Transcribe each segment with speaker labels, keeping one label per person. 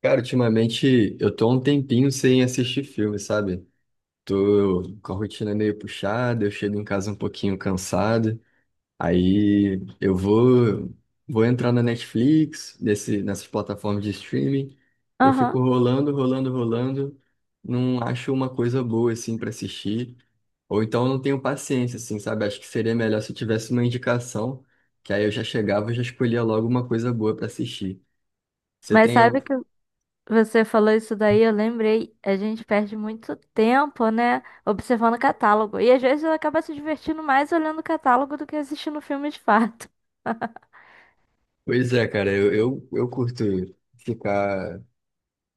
Speaker 1: Cara, ultimamente eu tô há um tempinho sem assistir filme, sabe? Tô com a rotina meio puxada, eu chego em casa um pouquinho cansado, aí eu vou entrar na Netflix, nessas plataformas de streaming, eu
Speaker 2: Aham.
Speaker 1: fico rolando, rolando, rolando, não acho uma coisa boa assim pra assistir, ou então eu não tenho paciência assim, sabe? Acho que seria melhor se eu tivesse uma indicação, que aí eu já chegava e já escolhia logo uma coisa boa pra assistir. Você
Speaker 2: Mas
Speaker 1: tem...
Speaker 2: sabe que você falou isso daí, eu lembrei, a gente perde muito tempo, né, observando o catálogo. E às vezes acaba se divertindo mais olhando o catálogo do que assistindo o filme de fato.
Speaker 1: Pois é, cara, eu curto ficar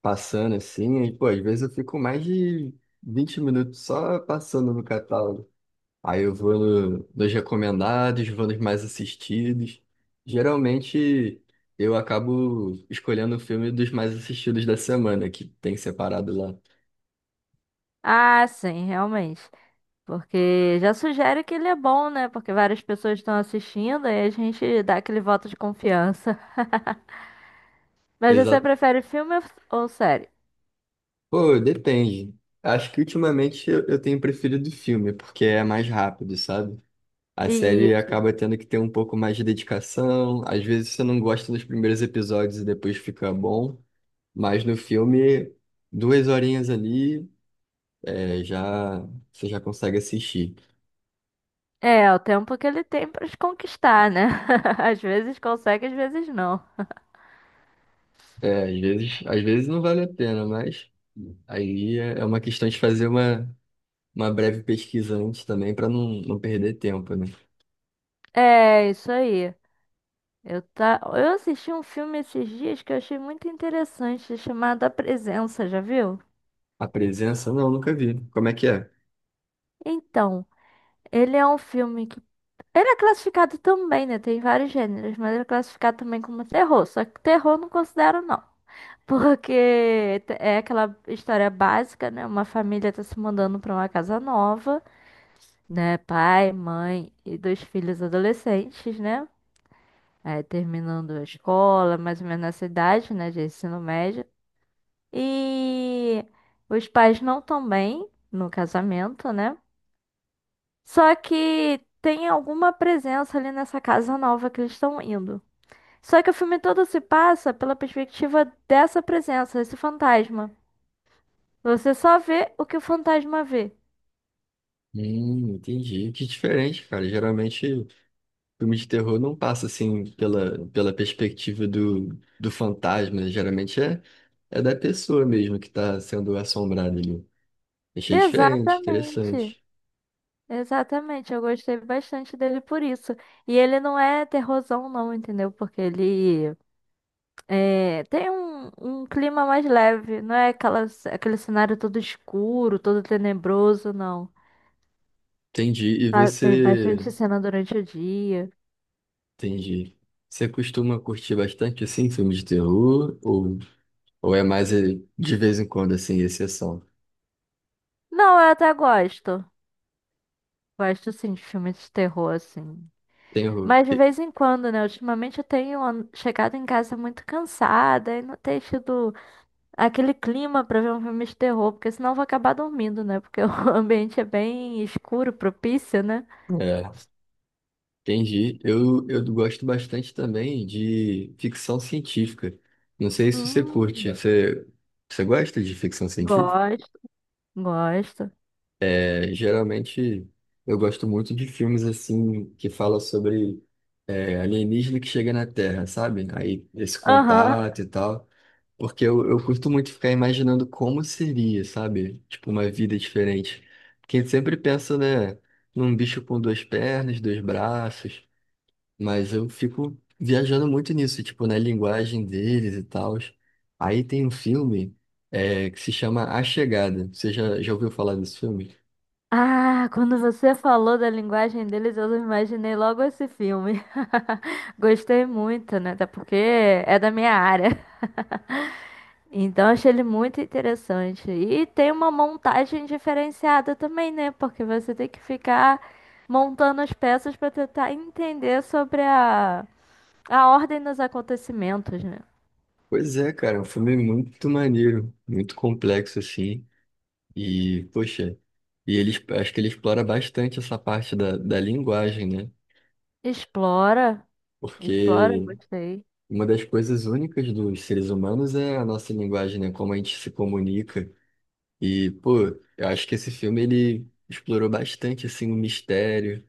Speaker 1: passando assim, e, pô, às vezes eu fico mais de 20 minutos só passando no catálogo. Aí eu vou no- nos recomendados, vou nos mais assistidos. Geralmente eu acabo escolhendo o filme dos mais assistidos da semana, que tem separado lá.
Speaker 2: Ah, sim, realmente. Porque já sugere que ele é bom, né? Porque várias pessoas estão assistindo e a gente dá aquele voto de confiança. Mas você
Speaker 1: Exato.
Speaker 2: prefere filme ou série?
Speaker 1: Pô, depende. Acho que ultimamente eu tenho preferido filme, porque é mais rápido, sabe? A série
Speaker 2: Isso.
Speaker 1: acaba tendo que ter um pouco mais de dedicação. Às vezes você não gosta dos primeiros episódios e depois fica bom. Mas no filme, duas horinhas ali, já você já consegue assistir.
Speaker 2: É, o tempo que ele tem pra te conquistar, né? Às vezes consegue, às vezes não.
Speaker 1: É, às vezes não vale a pena, mas aí é uma questão de fazer uma breve pesquisa antes também para não perder tempo, né?
Speaker 2: É, isso aí. Eu, tá... eu assisti um filme esses dias que eu achei muito interessante, chamado A Presença, já viu?
Speaker 1: A presença, não, nunca vi. Como é que é?
Speaker 2: Então, ele é um filme que. Ele é classificado também, né? Tem vários gêneros, mas ele é classificado também como terror. Só que terror eu não considero, não. Porque é aquela história básica, né? Uma família tá se mudando pra uma casa nova, né? Pai, mãe e dois filhos adolescentes, né? Aí terminando a escola, mais ou menos nessa idade, né? De ensino médio. E os pais não estão bem no casamento, né? Só que tem alguma presença ali nessa casa nova que eles estão indo. Só que o filme todo se passa pela perspectiva dessa presença, desse fantasma. Você só vê o que o fantasma vê.
Speaker 1: Entendi. Que diferente, cara. Geralmente, filme de terror não passa assim pela perspectiva do fantasma, né? Geralmente é da pessoa mesmo que está sendo assombrada ali. Achei diferente,
Speaker 2: Exatamente.
Speaker 1: interessante.
Speaker 2: Exatamente. Eu gostei bastante dele por isso. E ele não é terrorzão, não, entendeu? Porque ele é, tem um clima mais leve, não é aquelas, aquele cenário todo escuro, todo tenebroso, não.
Speaker 1: Entendi. E
Speaker 2: Ah, tem
Speaker 1: você,
Speaker 2: bastante cena durante o dia.
Speaker 1: entendi. Você costuma curtir bastante assim filmes de terror ou é mais de vez em quando assim, exceção?
Speaker 2: Não, eu até gosto. Gosto sim de filmes de terror, assim.
Speaker 1: Terror.
Speaker 2: Mas de vez em quando, né? Ultimamente eu tenho chegado em casa muito cansada e não tenho tido aquele clima pra ver um filme de terror, porque senão eu vou acabar dormindo, né? Porque o ambiente é bem escuro, propício, né?
Speaker 1: Entendi. Eu gosto bastante também de ficção científica. Não sei se você curte.
Speaker 2: Hum,
Speaker 1: Você, você gosta de ficção científica?
Speaker 2: gosto, gosto.
Speaker 1: É, geralmente eu gosto muito de filmes assim que falam sobre alienígena que chega na Terra, sabe? Aí esse
Speaker 2: Aham.
Speaker 1: contato e tal. Porque eu curto muito ficar imaginando como seria, sabe? Tipo, uma vida diferente. Porque a gente sempre pensa, né, num bicho com duas pernas, dois braços. Mas eu fico viajando muito nisso, tipo, na linguagem deles e tal. Aí tem um filme que se chama A Chegada. Você já ouviu falar desse filme?
Speaker 2: Ah, quando você falou da linguagem deles, eu imaginei logo esse filme. Gostei muito, né? Até porque é da minha área. Então achei ele muito interessante. E tem uma montagem diferenciada também, né? Porque você tem que ficar montando as peças para tentar entender sobre a ordem dos acontecimentos, né?
Speaker 1: Pois é, cara, é um filme muito maneiro, muito complexo, assim. E, poxa, e ele, acho que ele explora bastante essa parte da linguagem, né?
Speaker 2: Explora, explora,
Speaker 1: Porque
Speaker 2: gostei.
Speaker 1: uma das coisas únicas dos seres humanos é a nossa linguagem, né? Como a gente se comunica. E, pô, eu acho que esse filme ele explorou bastante assim o mistério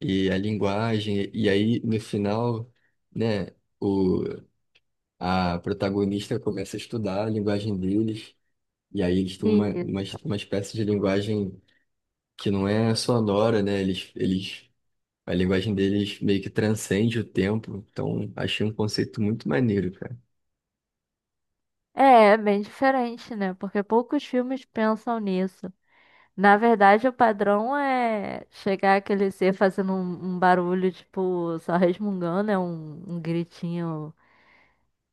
Speaker 1: e a linguagem. E aí no final, né, o a protagonista começa a estudar a linguagem deles. E aí eles têm
Speaker 2: Isso.
Speaker 1: uma espécie de linguagem que não é sonora, né? Eles, a linguagem deles meio que transcende o tempo. Então, achei um conceito muito maneiro, cara.
Speaker 2: É, é bem diferente, né? Porque poucos filmes pensam nisso. Na verdade, o padrão é chegar aquele ser fazendo um barulho, tipo, só resmungando, é um gritinho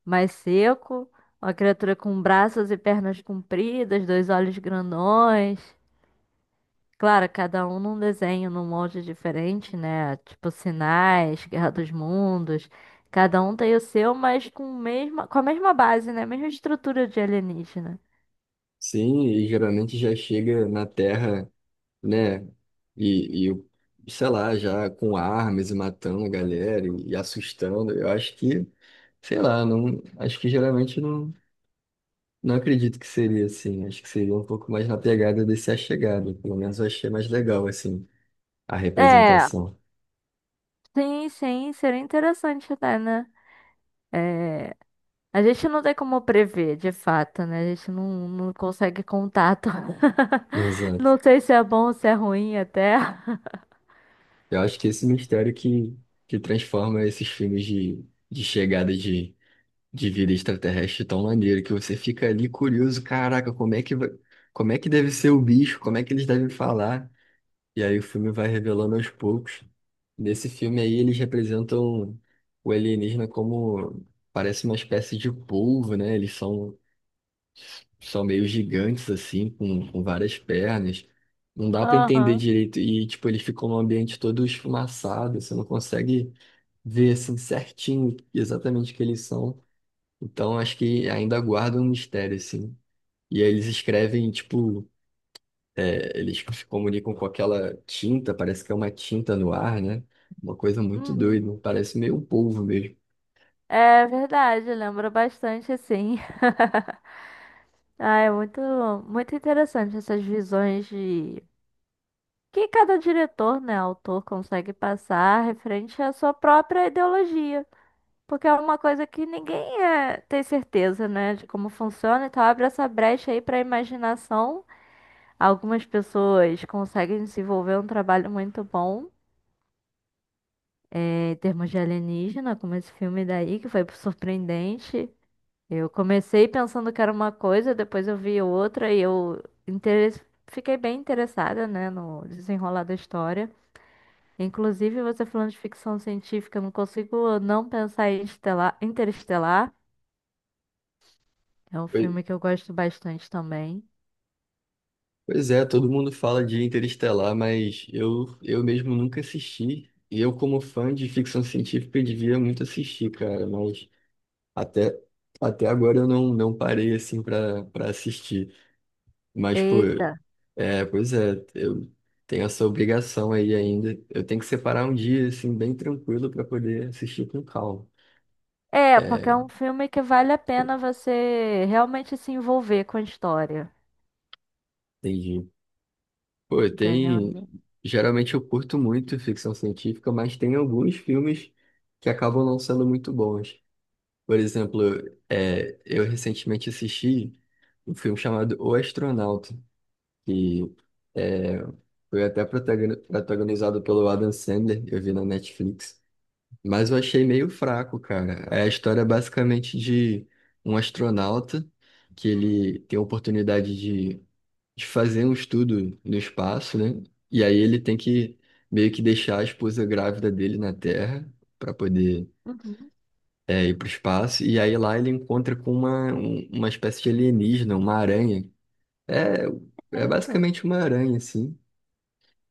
Speaker 2: mais seco. Uma criatura com braços e pernas compridas, dois olhos grandões. Claro, cada um num desenho, num molde diferente, né? Tipo Sinais, Guerra dos Mundos. Cada um tem o seu, mas com, mesma, com a mesma base, né? Mesma estrutura de alienígena.
Speaker 1: Sim, e geralmente já chega na Terra, né? E, sei lá, já com armas e matando a galera e assustando. Eu acho que, sei lá, não, acho que geralmente não acredito que seria assim. Acho que seria um pouco mais na pegada desse A Chegada. Pelo menos eu achei mais legal, assim, a
Speaker 2: É,
Speaker 1: representação.
Speaker 2: sim, sim, seria interessante até, né? É, a gente não tem como prever, de fato, né? A gente não, não consegue contato.
Speaker 1: Exato.
Speaker 2: Não sei se é bom ou se é ruim até.
Speaker 1: Eu acho que esse mistério que transforma esses filmes de chegada de vida extraterrestre tão maneiro, que você fica ali curioso, caraca, como é que vai, como é que deve ser o bicho, como é que eles devem falar. E aí o filme vai revelando aos poucos. Nesse filme aí eles representam o alienígena como parece uma espécie de polvo, né? Eles são, são meio gigantes assim, com várias pernas. Não dá pra entender
Speaker 2: Aham.
Speaker 1: direito. E tipo, eles ficam num ambiente todo esfumaçado, você não consegue ver assim certinho exatamente o que eles são. Então acho que ainda guarda um mistério assim. E aí eles escrevem tipo eles se comunicam com aquela tinta, parece que é uma tinta no ar, né? Uma coisa muito
Speaker 2: Uhum.
Speaker 1: doida, parece meio um polvo mesmo.
Speaker 2: É verdade, lembra bastante, sim. Ah, é muito, muito interessante essas visões de que cada diretor, né, autor consegue passar referente à sua própria ideologia. Porque é uma coisa que ninguém é, tem certeza, né, de como funciona, então abre essa brecha aí para a imaginação. Algumas pessoas conseguem desenvolver um trabalho muito bom em termos de alienígena, como esse filme daí, que foi surpreendente. Eu comecei pensando que era uma coisa, depois eu vi outra e eu fiquei bem interessada, né, no desenrolar da história. Inclusive, você falando de ficção científica, eu não consigo não pensar em Interestelar. É um
Speaker 1: Pois
Speaker 2: filme que eu gosto bastante também.
Speaker 1: Pois é, todo mundo fala de Interestelar, mas eu mesmo nunca assisti. E eu, como fã de ficção científica, eu devia muito assistir, cara, mas até, até agora eu não parei assim para assistir. Mas, pô,
Speaker 2: Eita!
Speaker 1: é, pois é, eu tenho essa obrigação aí ainda. Eu tenho que separar um dia assim bem tranquilo para poder assistir com calma.
Speaker 2: É, porque
Speaker 1: É,
Speaker 2: é um filme que vale a pena você realmente se envolver com a história,
Speaker 1: entendi. Pô,
Speaker 2: entendeu?
Speaker 1: tem. Geralmente eu curto muito ficção científica, mas tem alguns filmes que acabam não sendo muito bons. Por exemplo, eu recentemente assisti um filme chamado O Astronauta, que é, foi até protagonizado pelo Adam Sandler, eu vi na Netflix. Mas eu achei meio fraco, cara. É a história basicamente de um astronauta que ele tem a oportunidade de fazer um estudo no espaço, né? E aí ele tem que meio que deixar a esposa grávida dele na Terra para poder
Speaker 2: Uhum.
Speaker 1: ir para o espaço. E aí lá ele encontra com uma espécie de alienígena, uma aranha. É, é
Speaker 2: Eita.
Speaker 1: basicamente uma aranha, assim.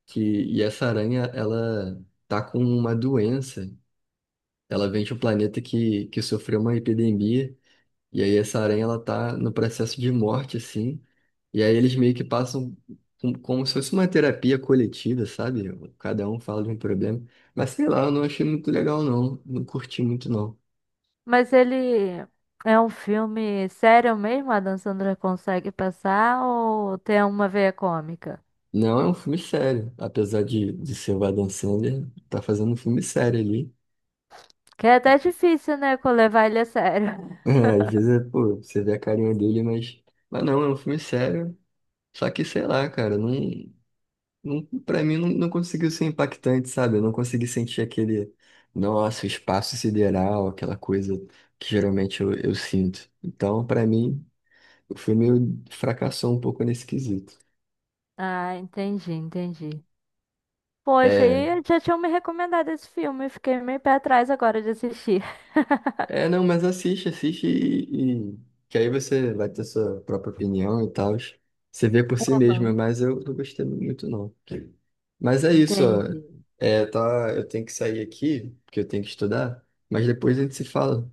Speaker 1: Que, e essa aranha, ela tá com uma doença. Ela vem de um planeta que sofreu uma epidemia. E aí essa aranha ela tá no processo de morte, assim. E aí eles meio que passam como se fosse uma terapia coletiva, sabe? Cada um fala de um problema. Mas sei lá, eu não achei muito legal, não. Não curti muito, não.
Speaker 2: Mas ele é um filme sério mesmo? A Dan Sandra consegue passar ou tem uma veia cômica?
Speaker 1: Não é um filme sério. Apesar de ser o Adam Sandler, tá fazendo um filme sério ali.
Speaker 2: Que é até difícil, né, levar ele a sério.
Speaker 1: É, às vezes, é, pô, você vê a carinha dele, mas... Mas não, é um filme sério. Só que, sei lá, cara, não. Não, pra mim não conseguiu ser impactante, sabe? Eu não consegui sentir aquele, nossa, o espaço sideral, aquela coisa que geralmente eu sinto. Então, pra mim, o filme fracassou um pouco nesse quesito.
Speaker 2: Ah, entendi, entendi. Poxa,
Speaker 1: É,
Speaker 2: e já tinham me recomendado esse filme, eu fiquei meio pé atrás agora de assistir.
Speaker 1: é, não, mas assiste, assiste que aí você vai ter sua própria opinião e tal. Você vê por si mesmo,
Speaker 2: Aham.
Speaker 1: mas eu não gostei muito, não. Mas é isso, ó.
Speaker 2: Entendi.
Speaker 1: É, tá, eu tenho que sair aqui, porque eu tenho que estudar, mas depois a gente se fala.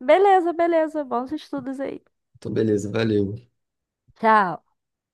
Speaker 2: Beleza, beleza, bons estudos aí.
Speaker 1: Então, beleza, valeu.
Speaker 2: Tchau.